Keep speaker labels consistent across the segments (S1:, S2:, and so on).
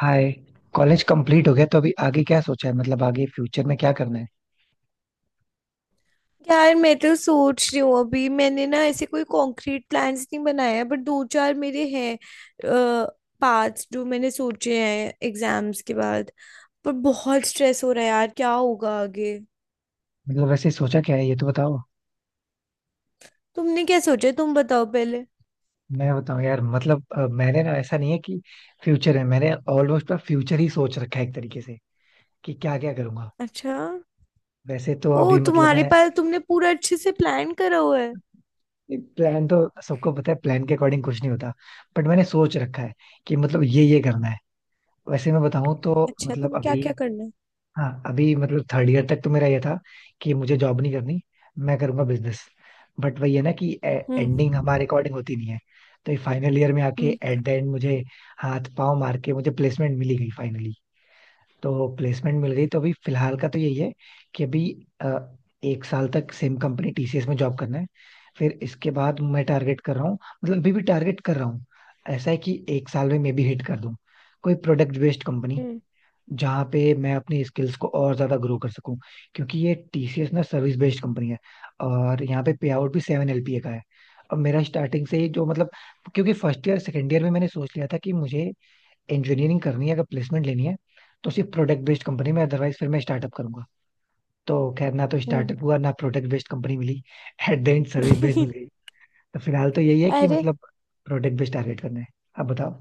S1: हाय. College complete हो गया तो अभी आगे क्या सोचा है, मतलब आगे फ्यूचर में क्या करना है?
S2: यार मैं तो सोच रही हूँ। अभी मैंने ना ऐसे कोई कॉन्क्रीट प्लान्स नहीं बनाया है, बट दो चार मेरे हैं पार्ट्स जो मैंने सोचे हैं एग्जाम्स के बाद। पर बहुत स्ट्रेस हो रहा है यार, क्या होगा आगे।
S1: मतलब वैसे सोचा क्या है, ये तो बताओ.
S2: तुमने क्या सोचा है? तुम बताओ पहले।
S1: मैं बताऊं यार, मतलब मैंने ना ऐसा नहीं है कि फ्यूचर है. मैंने ऑलमोस्ट पर फ्यूचर ही सोच रखा है एक तरीके से कि क्या क्या करूंगा.
S2: अच्छा।
S1: वैसे तो
S2: ओ
S1: अभी मतलब
S2: तुम्हारे
S1: मैं
S2: पास तुमने पूरा अच्छे से प्लान करा हुआ है।
S1: प्लान तो, सबको पता है प्लान के अकॉर्डिंग कुछ नहीं होता, बट मैंने सोच रखा है कि मतलब ये करना है. वैसे मैं बताऊं तो
S2: अच्छा
S1: मतलब
S2: तुम्हें क्या
S1: अभी
S2: क्या करना है।
S1: हाँ, अभी मतलब थर्ड ईयर तक तो मेरा ये था कि मुझे जॉब नहीं करनी, मैं करूंगा बिजनेस. बट वही है ना कि एंडिंग
S2: हम्म।
S1: हमारे अकॉर्डिंग होती नहीं है. तो ये फाइनल ईयर में आके,
S2: हम्म।
S1: एट द एंड, मुझे हाथ पांव मार के मुझे प्लेसमेंट मिली गई फाइनली. तो प्लेसमेंट मिल गई तो अभी फिलहाल का तो यही है कि अभी अ, एक साल तक सेम कंपनी टीसीएस में जॉब करना है. फिर इसके बाद मैं टारगेट कर रहा हूँ, मतलब अभी भी टारगेट कर रहा हूँ. ऐसा है कि एक साल में मे बी हिट कर दूं कोई प्रोडक्ट बेस्ड कंपनी,
S2: हम्म।
S1: जहाँ पे मैं अपनी स्किल्स को और ज्यादा ग्रो कर सकूं. क्योंकि ये टीसीएस ना सर्विस बेस्ड कंपनी है और यहाँ पे पे आउट भी 7 LPA का है. और मेरा स्टार्टिंग से ही जो मतलब, क्योंकि फर्स्ट ईयर सेकेंड ईयर में मैंने सोच लिया था कि मुझे इंजीनियरिंग करनी है अगर प्लेसमेंट लेनी है, तो सिर्फ प्रोडक्ट बेस्ड कंपनी में, अदरवाइज फिर मैं स्टार्टअप करूंगा. तो खैर ना तो
S2: हम्म।
S1: स्टार्टअप हुआ ना product based company milli eight the end service based मिल गई. तो फिलहाल तो यही है कि
S2: अरे,
S1: मतलब प्रोडक्ट बेस्ड टारगेट करना है. आप बताओ.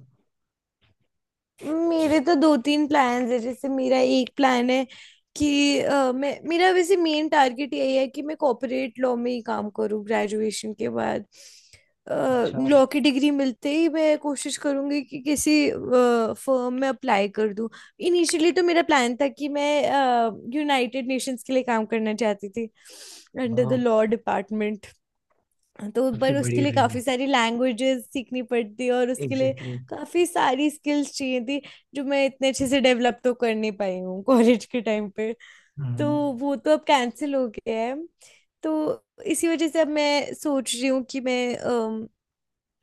S2: मेरे तो दो तीन प्लान्स है। जैसे मेरा एक प्लान है कि मैं, मेरा वैसे मेन टारगेट यही है कि मैं कॉर्पोरेट लॉ में ही काम करूँ ग्रेजुएशन के बाद।
S1: अच्छा,
S2: लॉ की डिग्री मिलते ही मैं कोशिश करूँगी कि किसी फर्म में अप्लाई कर दूँ। इनिशियली तो मेरा प्लान था कि मैं यूनाइटेड नेशंस के लिए काम करना चाहती थी अंडर
S1: वाह,
S2: द लॉ डिपार्टमेंट। तो
S1: काफी
S2: पर उसके
S1: बड़ी
S2: लिए
S1: ड्रीम
S2: काफी
S1: है.
S2: सारी लैंग्वेजेस सीखनी पड़ती, और उसके लिए
S1: एग्जैक्टली exactly.
S2: काफी सारी स्किल्स चाहिए थी जो मैं इतने अच्छे से डेवलप तो कर नहीं पाई हूँ कॉलेज के टाइम पे। तो
S1: हम्म.
S2: वो तो अब कैंसिल हो गया है। तो इसी वजह से अब मैं सोच रही हूँ कि मैं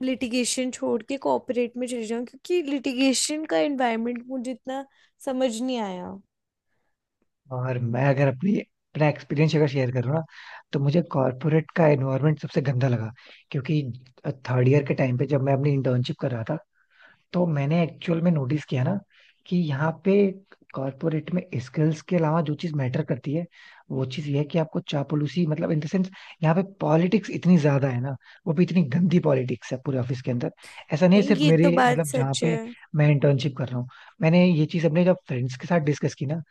S2: लिटिगेशन छोड़ के कॉर्पोरेट में चली जाऊँ, क्योंकि लिटिगेशन का एनवायरनमेंट मुझे इतना समझ नहीं आया।
S1: और मैं अगर अपनी अपना एक्सपीरियंस अगर शेयर करूँ ना, तो मुझे कॉर्पोरेट का एनवायरनमेंट सबसे गंदा लगा. क्योंकि थर्ड ईयर के टाइम पे जब मैं अपनी इंटर्नशिप कर रहा था, तो मैंने एक्चुअल में नोटिस किया ना कि यहाँ पे कॉर्पोरेट में स्किल्स के अलावा जो चीज मैटर करती है, वो चीज ये है कि आपको चापलूसी, मतलब इन द सेंस, यहाँ पे पॉलिटिक्स इतनी ज्यादा है ना. वो भी इतनी गंदी पॉलिटिक्स है पूरे ऑफिस के अंदर. ऐसा नहीं है सिर्फ
S2: ये तो
S1: मेरे
S2: बात
S1: मतलब जहाँ
S2: सच है।
S1: पे मैं इंटर्नशिप कर रहा हूँ. मैंने ये चीज अपने जब फ्रेंड्स के साथ डिस्कस की ना,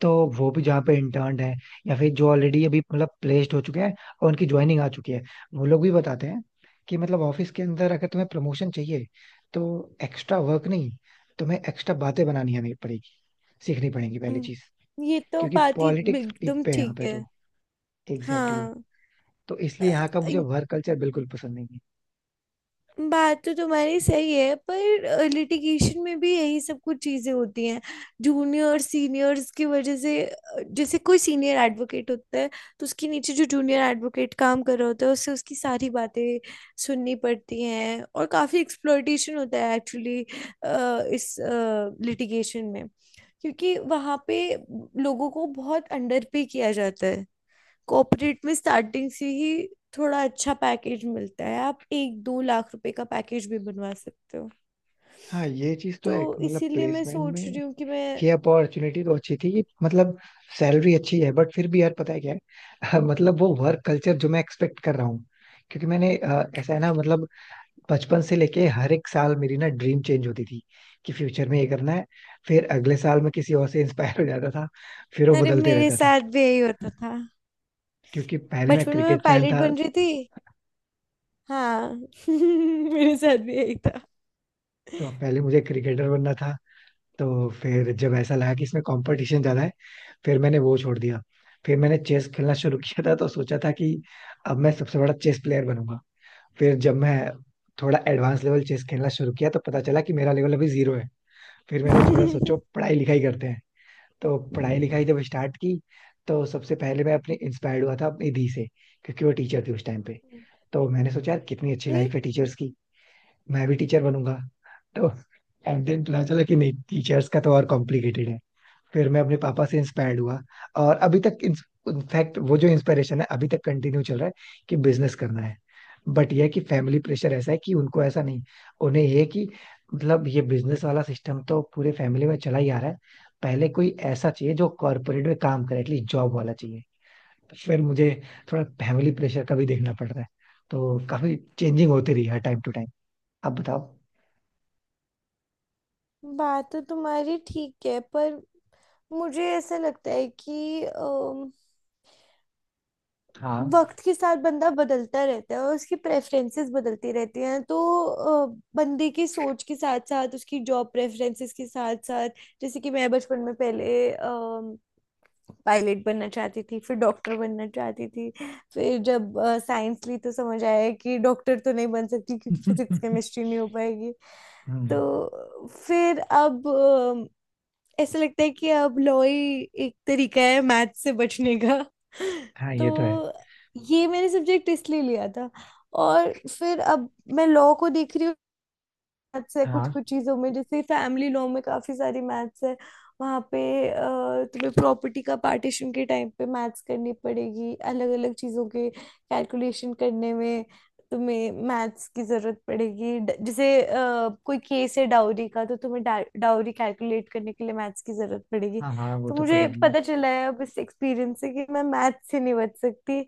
S1: तो वो भी जहाँ पे इंटर्न है या फिर जो ऑलरेडी अभी मतलब प्लेस्ड हो चुके हैं और उनकी ज्वाइनिंग आ चुकी है, वो लोग भी बताते हैं कि मतलब ऑफिस के अंदर अगर तुम्हें प्रमोशन चाहिए तो एक्स्ट्रा वर्क नहीं, तुम्हें एक्स्ट्रा बातें बनानी हमें पड़ेगी, सीखनी पड़ेगी पहली चीज.
S2: हम्म, ये तो
S1: क्योंकि
S2: बात ही
S1: पॉलिटिक्स पीक
S2: एकदम
S1: पे है यहाँ
S2: ठीक
S1: पे,
S2: है।
S1: तो एग्जैक्टली exactly.
S2: हाँ।
S1: तो इसलिए यहाँ का मुझे वर्क कल्चर बिल्कुल पसंद नहीं है.
S2: बात तो तुम्हारी सही है, पर लिटिगेशन में भी यही सब कुछ चीजें होती हैं। जूनियर सीनियर्स की वजह से, जैसे कोई सीनियर एडवोकेट होता है, तो उसके नीचे जो जूनियर एडवोकेट काम कर रहा होता है उससे उसकी सारी बातें सुननी पड़ती हैं, और काफी एक्सप्लॉयटेशन होता है एक्चुअली इस लिटिगेशन में। क्योंकि वहाँ पे लोगों को बहुत अंडर पे किया जाता है। कॉर्पोरेट में स्टार्टिंग से ही थोड़ा अच्छा पैकेज मिलता है, आप एक दो लाख रुपए का पैकेज भी बनवा सकते हो।
S1: हाँ, ये चीज तो
S2: तो
S1: है मतलब
S2: इसीलिए मैं
S1: प्लेसमेंट
S2: सोच
S1: में.
S2: रही हूँ कि मैं।
S1: ये अपॉर्चुनिटी तो अच्छी थी, मतलब सैलरी अच्छी है, बट फिर भी यार पता है क्या है मतलब वो वर्क कल्चर जो मैं एक्सपेक्ट कर रहा हूँ. क्योंकि मैंने ऐसा है ना मतलब, बचपन से लेके हर एक साल मेरी ना ड्रीम चेंज होती थी कि फ्यूचर में ये करना है. फिर अगले साल में किसी और से इंस्पायर हो जाता था, फिर वो
S2: अरे
S1: बदलते
S2: मेरे
S1: रहता था.
S2: साथ भी यही होता था।
S1: क्योंकि पहले मैं
S2: बचपन में मैं
S1: क्रिकेट फैन
S2: पायलट
S1: था,
S2: बन रही थी। हाँ मेरे साथ भी यही था।
S1: तो पहले मुझे क्रिकेटर बनना था. तो फिर जब ऐसा लगा कि इसमें कंपटीशन ज्यादा है, फिर मैंने वो छोड़ दिया. फिर मैंने चेस खेलना शुरू किया था, तो सोचा था कि अब मैं सबसे बड़ा चेस प्लेयर बनूंगा. फिर जब मैं थोड़ा एडवांस लेवल चेस खेलना शुरू किया, तो पता चला कि मेरा लेवल अभी जीरो है. फिर मैंने थोड़ा सोचो पढ़ाई लिखाई करते हैं. तो पढ़ाई लिखाई जब स्टार्ट की, तो सबसे पहले मैं अपने इंस्पायर्ड हुआ था अपनी दी से, क्योंकि वो टीचर थी उस टाइम पे. तो मैंने सोचा यार कितनी अच्छी
S2: अरे,
S1: लाइफ है टीचर्स की, मैं भी टीचर बनूंगा. तो एंड देन पता चला कि नहीं, टीचर्स का तो और कॉम्प्लिकेटेड है. फिर मैं अपने पापा से इंस्पायर्ड हुआ, और अभी तक इनफैक्ट वो जो इंस्पिरेशन है अभी तक कंटिन्यू चल रहा है, कि बिजनेस करना है. बट ये है कि फैमिली प्रेशर ऐसा है कि उनको ऐसा नहीं, उन्हें ये है कि मतलब ये बिजनेस वाला सिस्टम तो पूरे फैमिली में चला ही आ रहा है, पहले कोई ऐसा चाहिए जो कॉर्पोरेट में काम करे, एटलीस्ट जॉब वाला चाहिए. फिर मुझे थोड़ा फैमिली प्रेशर का भी देखना पड़ रहा है. तो काफी चेंजिंग होती रही है टाइम टू टाइम. आप बताओ.
S2: बात तो तुम्हारी ठीक है पर मुझे ऐसा लगता है कि
S1: हाँ.
S2: वक्त के साथ बंदा बदलता रहता है और उसकी प्रेफरेंसेस बदलती रहती हैं। तो अ, बंदे की सोच के साथ साथ उसकी जॉब प्रेफरेंसेस के साथ साथ, जैसे कि मैं बचपन में पहले पायलट बनना चाहती थी, फिर डॉक्टर बनना चाहती थी। फिर जब साइंस ली तो समझ आया कि डॉक्टर तो नहीं बन सकती क्योंकि फिजिक्स केमिस्ट्री नहीं हो पाएगी।
S1: हम्म.
S2: तो फिर अब ऐसा लगता है कि अब लॉ ही एक तरीका है मैथ से बचने का।
S1: हाँ ये तो है.
S2: तो ये मैंने सब्जेक्ट इसलिए लिया था। और फिर अब मैं लॉ को देख रही हूँ। मैथ्स है कुछ
S1: हाँ.
S2: कुछ चीजों में, जैसे फैमिली लॉ में काफी सारी मैथ्स है वहाँ पे। अ, तुम्हें प्रॉपर्टी का पार्टीशन के टाइम पे मैथ्स करनी पड़ेगी। अलग अलग चीजों के कैलकुलेशन करने में तुम्हें मैथ्स की जरूरत पड़ेगी। जैसे कोई केस है डाउरी का, तो तुम्हें डाउरी कैलकुलेट करने के लिए मैथ्स की जरूरत पड़ेगी।
S1: हाँ हाँ वो
S2: तो
S1: तो
S2: मुझे
S1: पड़ेगी.
S2: पता चला है अब इस एक्सपीरियंस से कि मैं मैथ्स से नहीं बच सकती,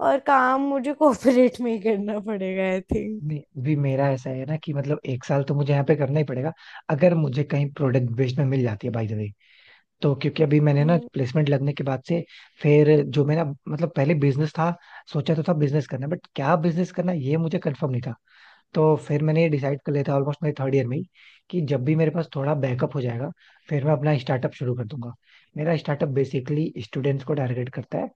S2: और काम मुझे कोऑपरेट में ही करना पड़ेगा आई थिंक।
S1: नहीं भी, मेरा ऐसा है ना कि मतलब एक साल तो मुझे यहाँ पे करना ही पड़ेगा. अगर मुझे कहीं प्रोडक्ट बेस्ड में मिल जाती है बाय द वे, तो क्योंकि अभी मैंने ना प्लेसमेंट लगने के बाद से, फिर जो मेरा मतलब पहले बिजनेस था, सोचा तो था बिजनेस करना, बट क्या बिजनेस करना ये मुझे कंफर्म नहीं था. तो फिर मैंने ये डिसाइड कर लिया था ऑलमोस्ट मेरे थर्ड ईयर में ही, कि जब भी मेरे पास थोड़ा बैकअप हो जाएगा, फिर मैं अपना स्टार्टअप शुरू कर दूंगा. मेरा स्टार्टअप बेसिकली स्टूडेंट्स को टारगेट करता है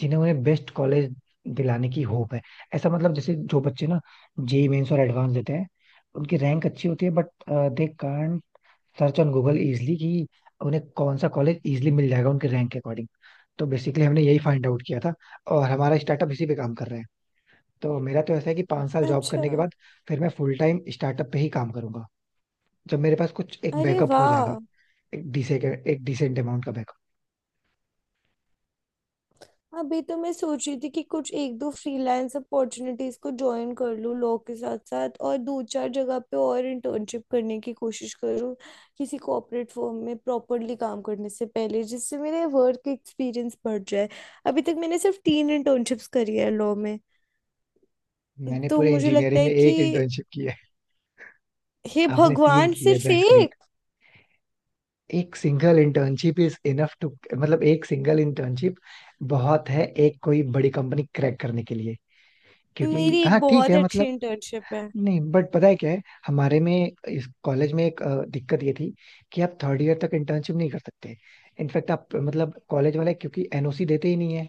S1: जिन्हें, उन्हें बेस्ट कॉलेज दिलाने की होप है. ऐसा मतलब जैसे जो बच्चे ना जेई मेंस और एडवांस देते हैं, उनकी रैंक अच्छी होती है but they can't search on Google easily कि उन्हें कौन सा कॉलेज इजली मिल जाएगा उनके रैंक के अकॉर्डिंग. तो बेसिकली हमने यही फाइंड आउट किया था, और हमारा स्टार्टअप इसी पे काम कर रहा है. तो मेरा तो ऐसा है कि 5 साल जॉब
S2: अच्छा।
S1: करने के बाद फिर मैं फुल टाइम स्टार्टअप पे ही काम करूंगा, जब मेरे पास कुछ एक
S2: अरे
S1: बैकअप हो जाएगा.
S2: वाह।
S1: एक डिसे एक डिसेंट अमाउंट का बैकअप.
S2: अभी तो मैं सोच रही थी कि कुछ एक दो फ्रीलांस अपॉर्चुनिटीज को ज्वाइन कर लूँ लॉ के साथ साथ, और दो चार जगह पे और इंटर्नशिप करने की कोशिश करूँ किसी कॉर्पोरेट फर्म में प्रॉपरली काम करने से पहले, जिससे मेरे वर्क एक्सपीरियंस बढ़ जाए। अभी तक मैंने सिर्फ तीन इंटर्नशिप्स करी है लॉ में।
S1: मैंने
S2: तो
S1: पूरे
S2: मुझे लगता
S1: इंजीनियरिंग में
S2: है कि
S1: एक इंटर्नशिप की है.
S2: हे
S1: आपने तीन
S2: भगवान,
S1: की है,
S2: सिर्फ
S1: दैट्स ग्रेट.
S2: एक
S1: एक single internship is enough to, मतलब एक सिंगल इंटर्नशिप बहुत है एक कोई बड़ी कंपनी क्रैक करने के लिए. क्योंकि
S2: मेरी एक
S1: हाँ, ठीक
S2: बहुत
S1: है,
S2: अच्छी
S1: मतलब
S2: इंटर्नशिप है।
S1: नहीं बट पता है क्या है, हमारे में इस कॉलेज में एक दिक्कत ये थी कि आप थर्ड ईयर तक इंटर्नशिप नहीं कर सकते. इनफैक्ट आप मतलब कॉलेज वाले क्योंकि एनओसी देते ही नहीं है.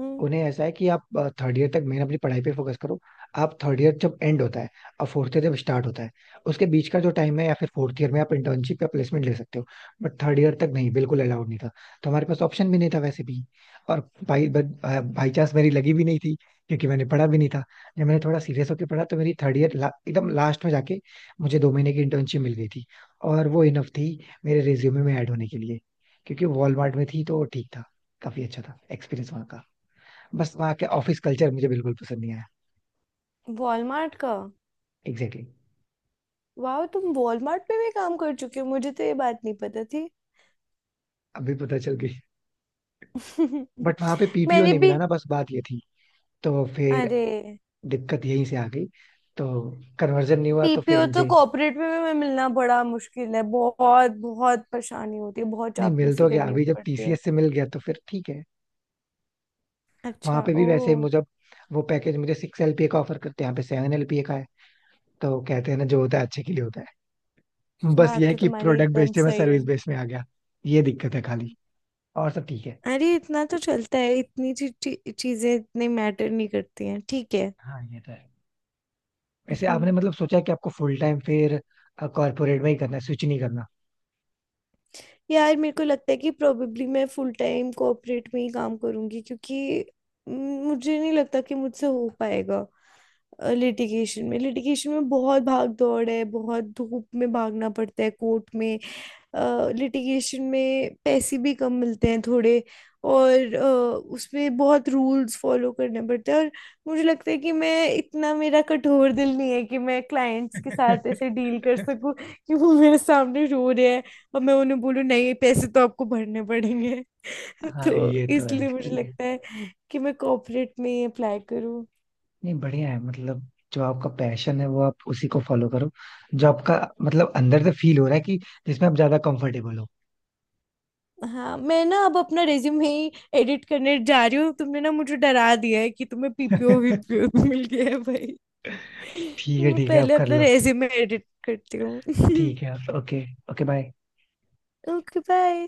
S2: हम्म।
S1: उन्हें ऐसा है कि आप थर्ड ईयर तक मेन अपनी पढ़ाई पे फोकस करो. आप थर्ड ईयर जब एंड होता है और फोर्थ ईयर जब स्टार्ट होता है, उसके बीच का जो टाइम है, या फिर फोर्थ ईयर में आप इंटर्नशिप या प्लेसमेंट ले सकते हो, बट थर्ड ईयर तक नहीं, बिल्कुल अलाउड नहीं था. तो हमारे पास ऑप्शन भी नहीं था वैसे भी. और भाई बाई चांस मेरी लगी भी नहीं थी, क्योंकि मैंने पढ़ा भी नहीं था. जब मैंने थोड़ा सीरियस होकर पढ़ा, तो मेरी थर्ड ईयर एकदम लास्ट में जाके मुझे 2 महीने की इंटर्नशिप मिल गई थी. और वो इनफ थी मेरे रिज्यूमे में ऐड होने के लिए, क्योंकि वॉलमार्ट में थी तो ठीक था. काफी अच्छा था एक्सपीरियंस वहाँ का. बस वहाँ के ऑफिस कल्चर मुझे बिल्कुल पसंद नहीं आया.
S2: वॉलमार्ट का?
S1: Exactly exactly.
S2: वाह, तुम वॉलमार्ट पे भी काम कर चुके हो, मुझे तो ये बात नहीं पता थी।
S1: अभी पता चल गई. बट वहाँ पे पीपीओ
S2: मैंने
S1: नहीं
S2: भी।
S1: मिला ना, बस बात ये थी. तो फिर
S2: अरे,
S1: दिक्कत यहीं से आ गई. तो कन्वर्जन नहीं हुआ तो फिर
S2: पीपीओ तो
S1: मुझे,
S2: कॉर्पोरेट में मिलना बड़ा मुश्किल है, बहुत बहुत परेशानी होती है, बहुत
S1: नहीं, मिल तो
S2: चापलूसी
S1: गया.
S2: करनी
S1: अभी जब
S2: पड़ती है।
S1: टीसीएस से मिल गया तो फिर ठीक है. वहाँ
S2: अच्छा।
S1: पे भी
S2: ओ।
S1: वैसे मुझे वो पैकेज मुझे 6 LPA का ऑफर करते हैं, यहाँ पे 7 LPA का है. तो कहते हैं ना जो होता है अच्छे के लिए होता है. बस ये
S2: बात
S1: है
S2: तो
S1: कि
S2: तुम्हारी
S1: प्रोडक्ट
S2: एकदम
S1: बेचते में
S2: सही है।
S1: सर्विस बेस में आ गया, ये दिक्कत है खाली. और सब ठीक है.
S2: अरे इतना तो चलता है, इतनी ची, ची, चीजें इतनी मैटर नहीं करती हैं, ठीक है।
S1: हाँ ये तो है. वैसे
S2: हम्म।
S1: आपने मतलब सोचा कि आपको फुल टाइम फिर कॉर्पोरेट में ही करना है, स्विच नहीं करना?
S2: यार मेरे को लगता है कि प्रोबेबली मैं फुल टाइम कॉर्पोरेट में ही काम करूंगी, क्योंकि म, मुझे नहीं लगता कि मुझसे हो पाएगा लिटिगेशन में। लिटिगेशन में बहुत भाग दौड़ है, बहुत धूप में भागना पड़ता है कोर्ट में। लिटिगेशन में पैसे भी कम मिलते हैं थोड़े, और उसमें बहुत रूल्स फॉलो करने पड़ते हैं। और मुझे लगता है कि मैं इतना, मेरा कठोर दिल नहीं है कि मैं क्लाइंट्स के साथ ऐसे डील कर सकूं कि वो मेरे सामने रो रहे और मैं उन्हें बोलूँ नहीं, पैसे तो आपको भरने पड़ेंगे।
S1: हाँ
S2: तो
S1: ये तो है,
S2: इसलिए मुझे
S1: ठीक है.
S2: लगता है कि मैं कॉर्पोरेट में ही अप्लाई करूँ।
S1: नहीं, बढ़िया है मतलब जो आपका पैशन है वो आप उसी को फॉलो करो. जो आपका मतलब अंदर से फील हो रहा है कि जिसमें आप ज्यादा कंफर्टेबल हो.
S2: हाँ, मैं ना अब अपना रेज्यूमे ही एडिट करने जा रही हूँ, तुमने ना मुझे डरा दिया है कि तुम्हें पीपीओ वीपीओ मिल गया है भाई। मैं
S1: ठीक है आप
S2: पहले
S1: कर
S2: अपना
S1: लो.
S2: रेज्यूमे एडिट करती हूँ।
S1: ठीक है, okay. Okay bye.
S2: Okay bye.